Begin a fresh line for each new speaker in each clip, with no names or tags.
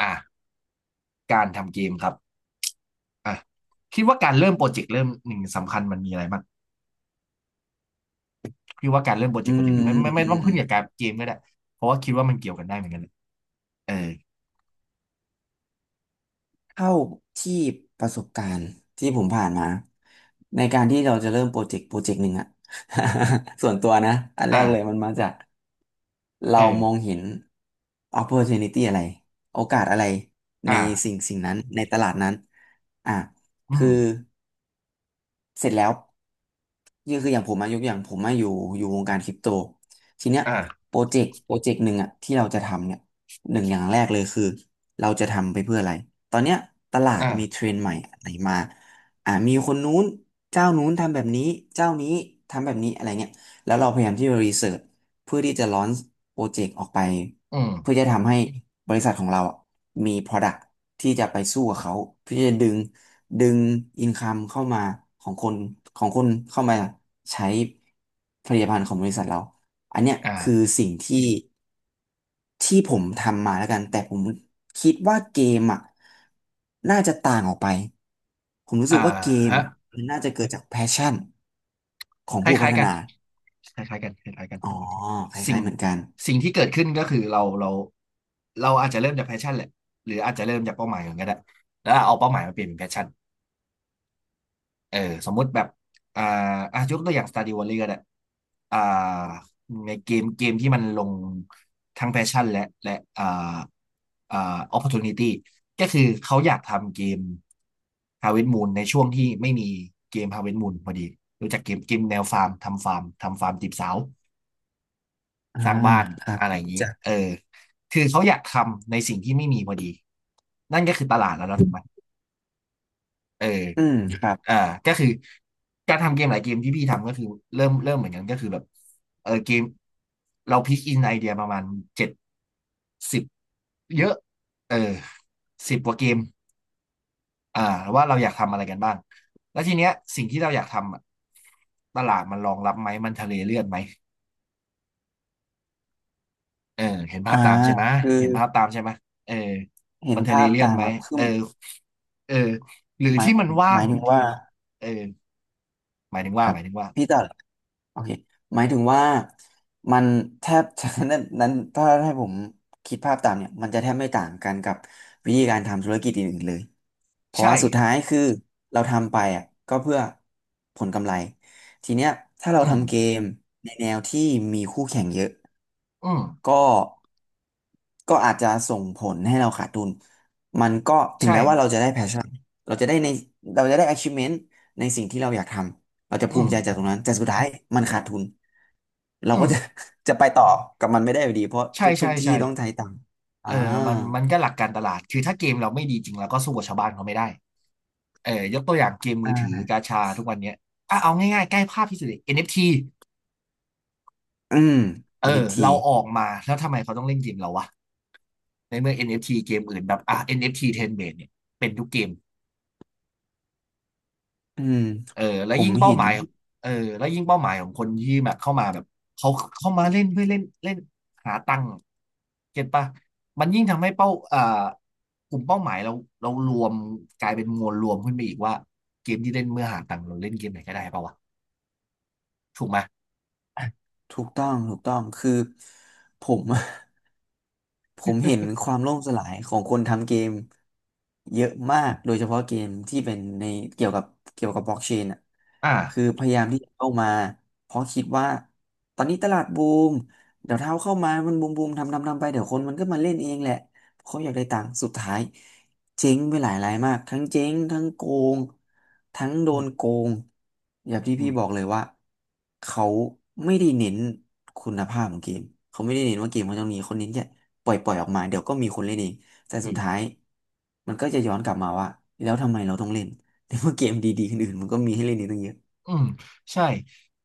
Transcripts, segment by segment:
อ่ะการทำเกมครับอ่ะคิดว่าการเริ่มโปรเจกต์เริ่มหนึ่งสำคัญมันมีอะไรบ้างคิดว่าการเริ่มโปรเจ
อื
กต์โปรเจก
ม
ต์ไม่
อืม
ต้อง
อืม
ขึ้นกับการเกมก็ได้เพราะว่าคิดว่ามันเกี่ยวกันได้เหมือนกันเลยเออ
เท่าที่ประสบการณ์ที่ผมผ่านมาในการที่เราจะเริ่มโปรเจกต์หนึ่งอะ ส่วนตัวนะอันแร
อ่ะ
กเลยมันมาจากเรามอง
เออ
เห็น opportunity อะไรโอกาสอะไรใน
อ่ะ
สิ่งนั้นในตลาดนั้นอ่ะ
อื
คื
ม
อ เสร็จแล้วก็คืออย่างผมอายกอย่างผมมาอยู่วงการคริปโตทีเนี้ย
อ่ะ
โปรเจกต์หนึ่งอะที่เราจะทำเนี่ยหนึ่งอย่างแรกเลยคือเราจะทำไปเพื่ออะไรตอนเนี้ยตลาด
อ่ะ
มีเทรนด์ใหม่อะไรมามีคนนู้นเจ้านู้นทำแบบนี้เจ้านี้ทำแบบนี้อะไรเงี้ยแล้วเราพยายามที่จะรีเสิร์ชเพื่อที่จะลอนโปรเจกต์ออกไป
อืม
เพื่อจะทำให้บริษัทของเราอะมี product ที่จะไปสู้กับเขาเพื่อจะดึงอินคัมเข้ามาของคนของคนเข้ามาใช้ผลิตภัณฑ์ของบริษัทเราอันเนี้ย
อ่ะ
คือสิ่งที่ผมทำมาแล้วกันแต่ผมคิดว่าเกมอ่ะน่าจะต่างออกไปผมรู้
อ่ะ
สึกว่าเกม
ฮะ
มันน่าจะเกิดจากแพชชั่นของ
ค
ผู้พั
ล้าย
ฒ
ๆกัน
นา
คล้ายๆกันคล้ายๆกัน
อ๋อค
สิ่ง
ล้ายๆเหมือนกัน
สิ่งที่เกิดขึ้นก็คือเราอาจจะเริ่มจากแพชชั่นแหละหรืออาจจะเริ่มจากเป้าหมายก่อนก็ได้แล้วเอาเป้าหมายมาเปลี่ยนเป็นแพชชั่น เออสมมุติแบบอ่าอ่ะยกตัวอย่าง Stardew Valley ก็ได้อ่าในเกมที่มันลงทั้งแพชชั่นและอ่าอ่า opportunity ก็คือเขาอยากทำเกม Harvest Moon ในช่วงที่ไม่มีเกม Harvest Moon พอดีรู้จักเกมแนวฟาร์มทำฟาร์มทำฟาร์มจีบสาว
อ่า
สร้างบ้าน
ครับ
อะไรอย่างนี้
จา
เอ
ก
อคือเขาอยากทำในสิ่งที่ไม่มีพอดีนั่นก็คือตลาดแล้วนะถูกไหม เออ
อืมครั
อ่า
บ
ก็คือการทำเกมหลายเกมที่พี่ทำก็คือเริ่มเหมือนกันก็คือแบบเออเกมเราพิกอินไอเดียประมาณ70เยอะเออ10 กว่าเกมอ่าว่าเราอยากทำอะไรกันบ้างแล้วทีเนี้ยสิ่งที่เราอยากทำอะตลาดมันรองรับไหมมันทะเลเลือดไหมเออเห็นภา
อ่า
พตามใช่ไหม
คือ
เห็นภาพตามใช่ไหมเออ
เห็
มั
น
นทะเล
ภาพ
เลือด
ตาม
ไหม
ครับคื
เออ
อ
เออหรือ
หมาย
ที่
ถึ
มัน
งห
ว่าง
มายถึง
ที่
ว่า
เออหมายถึง
ค
ว่า
รั
ห
บ
มายถึงว่า
พี่จะโอเคหมายถึงว่ามันแทบจะ นั้นถ้าให้ผมคิดภาพตามเนี่ยมันจะแทบไม่ต่างกันกับวิธีการทำธุรกิจอื่นๆเลยเพราะ
ใช่
ว่าสุดท้ายคือเราทำไปอ่ะก็เพื่อผลกำไรทีเนี้ยถ้าเรา
อืม
ทำเกมในแนวที่มีคู่แข่งเยอะ
อืม
ก็ก็อาจจะส่งผลให้เราขาดทุนมันก็ถึง
ใช่
แม้ว่าเราจะได้ passion เราจะได้ในเราจะได้ achievement ในสิ่งที่เราอยากทำ เราจะ
อื
ภู
ม
มิใจจากตรงนั้นแต่สุดท้ายมันขาดทุนเรา
อื
ก็
ม
จะ จะไปต่อกับมันไม่ได้อยู่ดีเพราะ
ใช่
ทุกทุ
ใช่
กที่
ใช่
ต้องใช้ตังค์
เอ
อ่า
อมันก็หลักการตลาด คือถ้าเกมเราไม่ดีจริงเราก็สู้กับชาวบ้านเขาไม่ได้เออยกตัวอย่างเกมมื
อ่
อถือ
า
กาชาทุกวันเนี้ยอ่ะเอาง่ายๆใกล้ภาพที่สุดเลย NFT เอฟที
อืม
เอ
n
อ
ที
เราออกมาแล้วทำไมเขาต้องเล่นเกมเราวะ ในเมื่อ NFT เอฟทีเกมอื่นแบบอ่ะ NFT Ten b a เนี่ยเป็นทุกเกม
อืม
เออแล้
ผ
ว
ม
ยิ่งเป้า
เห็
ห
น
มายเออแล้วยิ่งเป้าหมายของคนที่แบบเข้ามาแบบเขาเข้ามาเล่นเพื่อเล่นเล่นหาตังค์เก็ตปะมันยิ่งทำให้เป้ากลุ่มเป้าหมายเรารวมกลายเป็นมวลรวมขึ้นไปอีกว่าเกมที่เล่นเมื่อหาตังค์เราเล่นเกมไหนก็ได้ปะวะถูกไหมย
ถูกต้องคือผม ผมเห็นความล่มสลายของคนทำเกมเยอะมากโดยเฉพาะเกมที่เป็นในเกี่ยวกับเกี่ยวกับบล็อกเชนอ่ะคือ
อ่า
พยายามที่จะเข้ามาเพราะคิดว่าตอนนี้ตลาดบูมเดี๋ยวเท้าเข้ามามันบูมทำไปเดี๋ยวคนมันก็มาเล่นเองแหละ เขาอยากได้ตังค์สุดท้ายเจ๊งไปหลายรายมากทั้งเจ๊งทั้งโกงทั้งโด
อื
น
ม
โกงอย่างที่พี่บอกเลยว่าเขาไม่ได้เน้นคุณภาพของเกมเขาไม่ได้เน้นว่าเกมเขาจะมีคนเน้นแค่ปล่อยออกมาเดี๋ยวก็มีคนเล่นเองแต่
อื
สุด
ม
ท้ายมันก็จะย้อนกลับมาว่าแล้วทำไมเราต้องเล่น ในเมื่อเกมดีๆคนอื่นมันก็มีให้เล่นอีกตั้งเยอะ
อืมใช่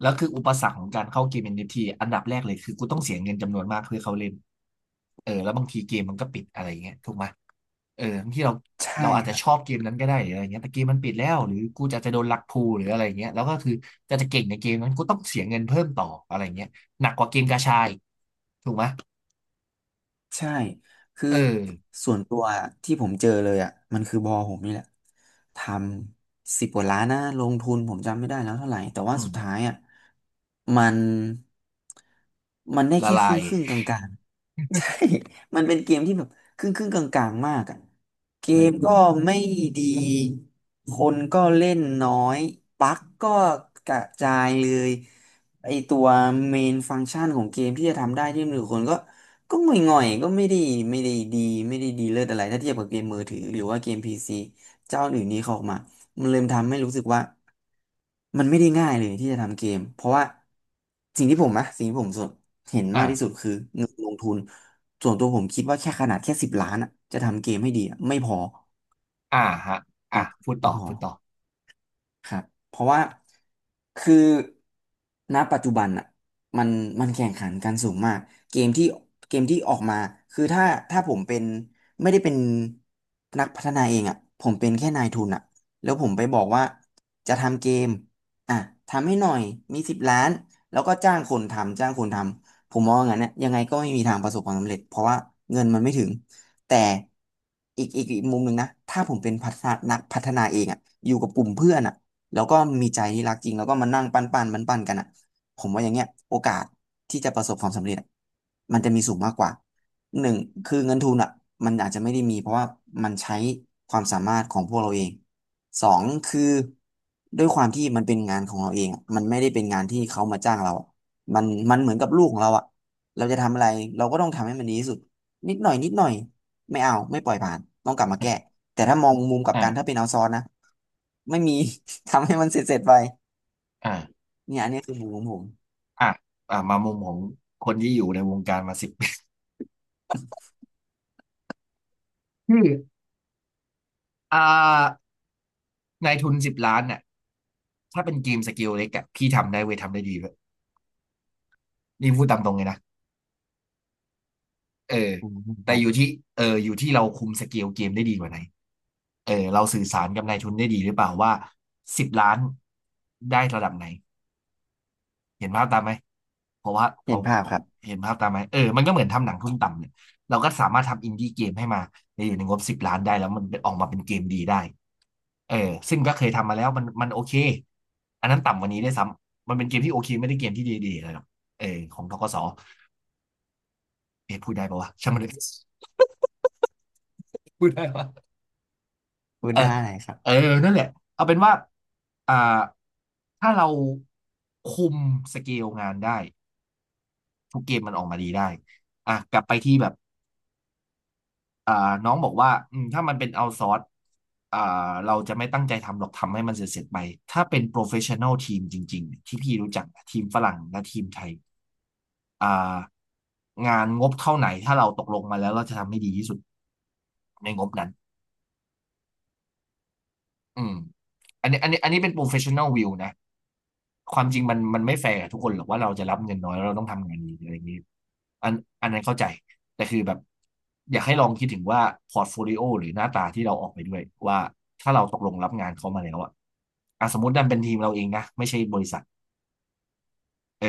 แล้วคืออุปสรรคของการเข้าเกม NFT อนเอฟทีอันดับแรกเลยคือกูต้องเสียเงินจำนวนมากเพื่อเข้าเล่นเออแล้วบางทีเกมมันก็ปิดอะไรอย่างเงี้ยถูกไหมเออบางทีเรา
ใช่
อาจ
ค
จะ
รับ
ชอบเกมนั้นก็ได้หรืออะไรเงี้ยแต่เกมมันปิดแล้วหรือกูจะโดนลักพูหรืออะไรเงี้ยแล้วก็คือจะเก่งในเกมนั้นกูต้องเสียเงินเพิ่มต่ออะไรเงี้ยหนักกว่าเกมกาชาอีกถูกไหม
ใช่ คือ
เออ
ส่วนตัวที่ผมเจอเลยอ่ะมันคือบอผมนี่แหละทำสิบกว่าล้านนะลงทุนผมจำไม่ได้แล้วเท่าไหร่แต่ว่า
อื
สุ
ม
ดท้ายอ่ะมันมันได้
ละ
แค่ค
ลา
รึ่
ย
งครึ่งกลางๆ ใช่มันเป็นเกมที่แบบครึ่งกลางๆมากอ่ะเก
เออ
มก็ไม่ดีคนก็เล่นน้อยบั๊กก็กระจายเลยไอตัวเมนฟังก์ชันของเกมที่จะทำได้ที่มือคนก็ ก็ง่อยๆก็ไม่ได้ไม่ได้ดีไม่ได้ดีเลิศอะไรถ้าเทียบกับเกมมือถือหรือว่าเกมพีซีเจ้าอื่นนี้เขาออกมามันเริ่มทำให้รู้สึกว่ามันไม่ได้ง่ายเลยที่จะทำเกมเพราะว่าสิ่งที่ผมสนเห็นมากที่สุ
อ่า
ดคือเงินลงทุนส่วนตัวผมคิดว่าแค่ขนาดแค่สิบล้านอะจะทำเกมให้ดีอะไม่พอ
ฮะพูด
ไม่
ต่อ
พอ
พูดต่อ
ครับเพราะว่าคือณปัจจุบันอ่ะมันมันแข่งขันกันสูงมากเกมที่เกมที่ออกมาคือถ้าผมเป็นไม่ได้เป็นนักพัฒนาเองอ่ะผมเป็นแค่นายทุนอ่ะแล้วผมไปบอกว่าจะทำเกมอ่ะทำให้หน่อยมีสิบล้านแล้วก็จ้างคนทำผมมองอย่างนั้นเนี่ยยังไงก็ไม่มีทางประสบความสำเร็จเพราะว่าเงินมันไม่ถึงแต่อีกมุมหนึ่งนะถ้าผมเป็นพัฒนานักพัฒนาเองอ่ะอยู่กับกลุ่มเพื่อนอ่ะ แล้วก็มีใจที่รักจริงแล้วก็มานั่งปั้นปั้นมันปั้นๆกันอ่ะผมว่าอย่างเงี้ยโอกาสที่จะประสบความสำเร็จอะมันจะมีสูงมากกว่า1คือเงินทุนอ่ะมันอาจจะไม่ได้มีเพราะว่ามันใช้ความสามารถของพวกเราเองสองคือด้วยความที่มันเป็นงานของเราเองอะมันไม่ได้เป็นงานที่เขามาจ้างเราอะมันมันเหมือนกับลูกของเราอ่ะเราจะทำอะไรเราก็ต้องทำให้มันดีที่สุดนิดหน่อยนิดหน่อยไม่เอาไม่ปล่อยผ่านต้องกลับมาแก้
อ่
แต่ถ้ามองมุมกลับกัน
า
ถ้าเป็นเอาซอนนะไม่มี ทำให้มันเสร็จๆไป
อ่า
เนี่ยอันนี้คือมุมของผม
อ่ะอ่ะมามุมของคนที่อยู่ในวงการมาสิบ คืออ่านายทุน10 ล้านน่ะถ้าเป็นเกมสเกลเล็กอะพี่ทำได้เว้ยทำได้ดีด้วยนี่พูดตามตรงเลยนะเออ
อืมค
แต่
รั
อ
บ
ยู่ที่เอออยู่ที่เราคุมสเกลเกมได้ดีกว่าไหนเออเราสื่อสารกับนายทุนได้ดีหรือเปล่าว่าสิบล้านได้ระดับไหนเห็นภาพตามไหมเพราะว่า
เห็
เขา
นภาพครับ
เห็นภาพตามไหมเออมันก็เหมือนทำหนังทุนต่ำเนี่ยเราก็สามารถทำอินดี้เกมให้มาในอยู่ในงบสิบล้านได้แล้วมันออกมาเป็นเกมดีได้ เออซึ่งก็เคยทำมาแล้วมันโอเคอันนั้นต่ำกว่านี้ได้วยซ้ำมันเป็นเกมที่โอเคไม่ได้เกมที่ดีๆเลยหรอกเออของธกสเอ๊ะพูดได้ปะวะช่างมันเลยพูดได้ปะ
พูด
เออ
ได้ครั
เออ
บ
นั่นแหละเอาเป็นว่าอ่าถ้าเราคุมสเกลงานได้ทุกเกมมันออกมาดีได้อ่ะกลับไปที่แบบ อ่าน้องบอกว่าอืมถ้ามันเป็นเอาซอร์สอ่าเราจะไม่ตั้งใจทำหรอกทำให้มันเสร็จๆไปถ้าเป็นโปรเฟชชั่น a ลทีมจริงๆที่พี่รู้จักนะทีมฝรั่งและทีมไทยอ่างานงบเท่าไหนถ้าเราตกลงมาแล้วเราจะทำให้ดีที่สุดในงบนั้น อืมอันนี้เป็น professional view นะความจริงมันไม่แฟร์กับทุกคนหรอกว่าเราจะรับเงินน้อยแล้วเราต้องทำงานดีอะไรอย่างนี้อันอันนั้นเข้าใจแต่คือแบบอยากให้ลองคิดถึงว่าพอร์ตโฟลิโอหรือหน้าตาที่เราออกไปด้วยว่าถ้าเราตกลงรับงานเขามาแล้วอะอ่ะสมมติดันเป็นทีมเราเองนะไม่ใช่บริษัท เออ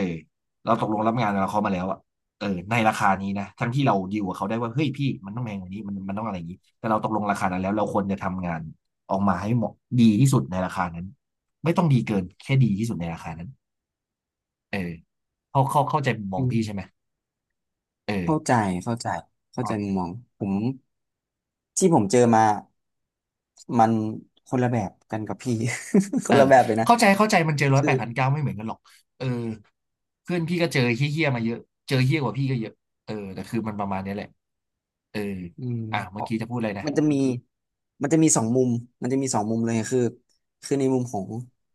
เราตกลงรับงานกับเขามาแล้วอ่ะเออในราคานี้นะทั้งที่เราดีลกับเขาได้ว่าเฮ้ยพี่มันต้องแพงกว่านี้มันต้องอะไรอย่างนี้แต่เราตกลงราคานั้นแล้วเราควรจะทำงานออกมาให้เหมาะดีที่สุดในราคานั้นไม่ต้องดีเกินแค่ดีที่สุดในราคานั้นเออเขาเข้าใจมุมมอ
อื
งพี่ใช่ไหม
ม
เอ
เข้า
อ
ใจเข้าใจเข้า
อ่
ใจมุ
ะ
มมองผมที่ผมเจอมามันคนละแบบกันกับพี่ ค
เออ
นละแบบเลยนะ
เข้าใจเข้าใจมันเจอร้อย
คื
แป
อ
ดพันเก้าไม่เหมือนกันหรอกเออเพื่อนพี่ก็เจอเฮี้ยๆมาเยอะเจอเฮี้ยกว่าพี่ก็เยอะเออแต่คือมันประมาณเนี้ยแหละเออ
อืม
อ่ะ
เพ
เมื่อ
ราะ
กี้จะพูดอะไรนะ
มันจะมีมันจะมีสองมุมมันจะมีสองมุมเลยคือคือในมุมของ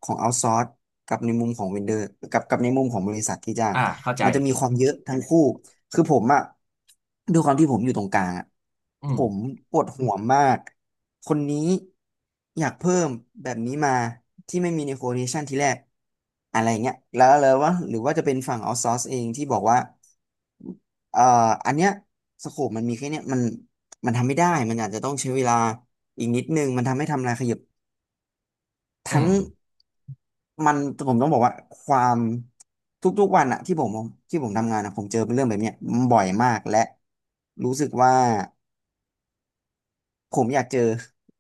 ของเอาท์ซอร์สกับในมุมของเวนเดอร์กับในมุมของบริษัทที่จ้าง
อ่ะเข้าใจ
มันจะมีความเยอะทั้งคู่คือผมอะด้วยความที่ผมอยู่ตรงกลางอะ
อื
ผ
ม
มปวดหัวมากคนนี้อยากเพิ่มแบบนี้มาที่ไม่มีในโคเ a ชันทีแรกอะไรเงี้ยแล้วเลยว่าหรือว่าจะเป็นฝั่งเอาท์ซอร์สเองที่บอกว่าเอ่ออันเนี้ยสโคปมันมีแค่เนี้ยมัน มันทำไม่ได้ มันอาจจะต้องใช้เวลาอีกนิดนึง มันทำให้ทำลายขยับ
อื
ทั้ง
ม
มันผมต้องบอกว่าความทุกๆวันอะที่ผมที่ผมทำงานอะผมเจอเป็นเรื่องแบบเนี้ยบ่อยมากและรู้สึกว่า ผมอยากเจอ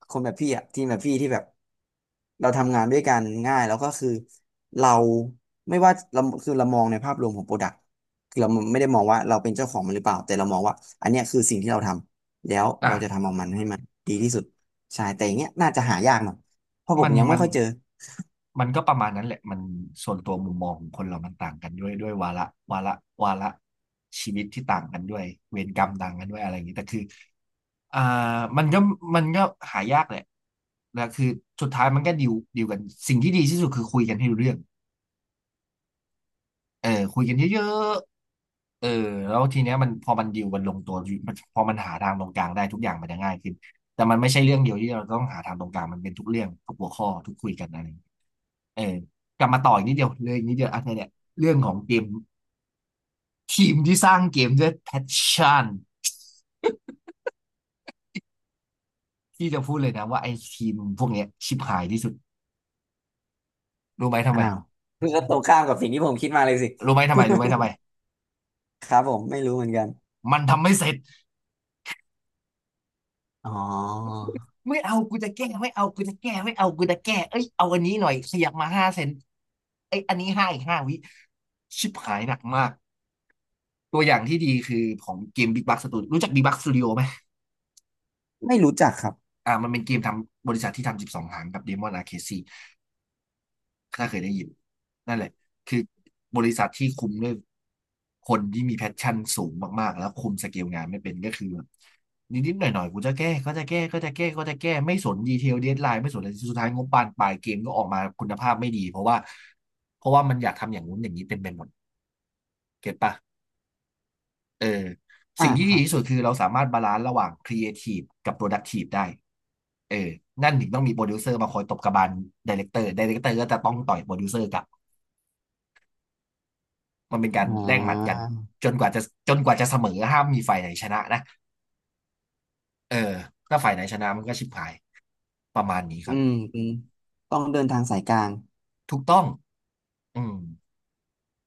คนแบบพี่อะทีมแบบพี่ที่แบบเราทำงานด้วยกันง่ายแล้วก็คือเราไม่ว่าเราคือเรามองในภาพรวมของโปรดักต์คือเราไม่ได้มองว่าเราเป็นเจ้าของมันหรือเปล่าแต่เรามองว่าอันเนี้ยคือสิ่งที่เราทำแล้ว
อ่ะ
เราจะทำเอามันให้มันดีที่สุดใช่แต่อย่างเงี้ยน่าจะหายากหน่อยเพราะผ
มั
ม
น
ยังไม่
มัน
ค่อยเจอ
มันก็ประมาณนั้นแหละมันส่วนตัวมุมมองของคนเรามันต่างกันด้วยด้วยวาระวาระชีวิตที่ต่างกันด้วยเวรกรรมต่างกันด้วยอะไรอย่างนี้แต่คืออ่ามันก็มันก็หายากแหละแล้วคือสุดท้ายมันก็ดีลกันสิ่งที่ดีที่สุดคือคุยกันให้รู้เรื่อง เออคุยกันเยอะๆเออแล้วทีเนี้ยมันพอมันดิวกันลงตัวมันพอมันหาทางตรงกลางได้ทุกอย่างมันจะง่ายขึ้นแต่มันไม่ใช่เรื่องเดียวที่เราต้องหาทางตรงกลางมันเป็นทุกเรื่องทุกหัวข้อทุกคุยกันอะไรอย่างเงี้ยเออกลับมาต่ออีกนิดเดียวเลยอีกนิดเดียวอันเนี้ยเนี่ยเรื่องของเกมทีมที่สร้างเกมด้วยแพชชั่นที่จะพูดเลยนะว่าไอ้ทีมพวกเนี้ยชิบหายที่สุดรู้ไหมทำ
อ้า
ไม
วคือก็ตรงข้ามกับสิ่งที่ผมคิดมาเลยสิ
รู้ไหมทำไม
ครับผมไม่รู้เหมือนกัน
มันทำไม่เสร็จ
อ๋อ
ไม่เอากูจะแก้ไม่เอากูจะแก้ไม่เอากูจะแก้เอ้ยเอาอันนี้หน่อยขยับมา5 เซนไอยอันนี้5 อีก 5 วิชิบหายหนักมากตัวอย่างที่ดีคือของเกม Big Bucks Studio รู้จัก Big Bucks Studio ไหม
ไม่รู้จักครับ
อ่ามันเป็นเกมทำบริษัทที่ทำ12หางกับ Demon Arcade 4 ถ้าเคยได้ยินนั่นแหละคือบริษัทที่คุมด้วยคนที่มีแพชชั่นสูงมากๆแล้วคุมสเกลงานไม่เป็นก็คือแบบนิดๆหน่อยๆกูจะแก้ก็จะแก้ไม่สนดีเทลเดดไลน์ไม่สนอะไรสุดท้ายงบปานปลายเกมก็ออกมาคุณภาพไม่ดีเพราะว่ามันอยากทำอย่างนู้นอย่างนี้เป็นหมดเก็ตปะเออ
อ่า
สิ่งที่
ค
ดี
รับ
ที่สุดคือเราสามารถบาลานซ์ระหว่างครีเอทีฟกับโปรดักทีฟได้เออนั่นถึงต้องมีโปรดิวเซอร์มาคอยตบกระบาลไดเรคเตอร์ไดเรคเตอร์ก็จะต้องต่อยโปรดิวเซอร์กลับ มันเป็นกา
อ๋
รแลกหมัดกัน
อ
จนกว่าจะจนกว่าจะเสมอห้ามมีฝ่ายไหนชนะนะเออถ้าฝ่ายไหนชนะมันก็ชิบหายประมาณนี้ค
อื
รับ
มอืมต้องเดินทางสายกลาง
ถูกต้องอืม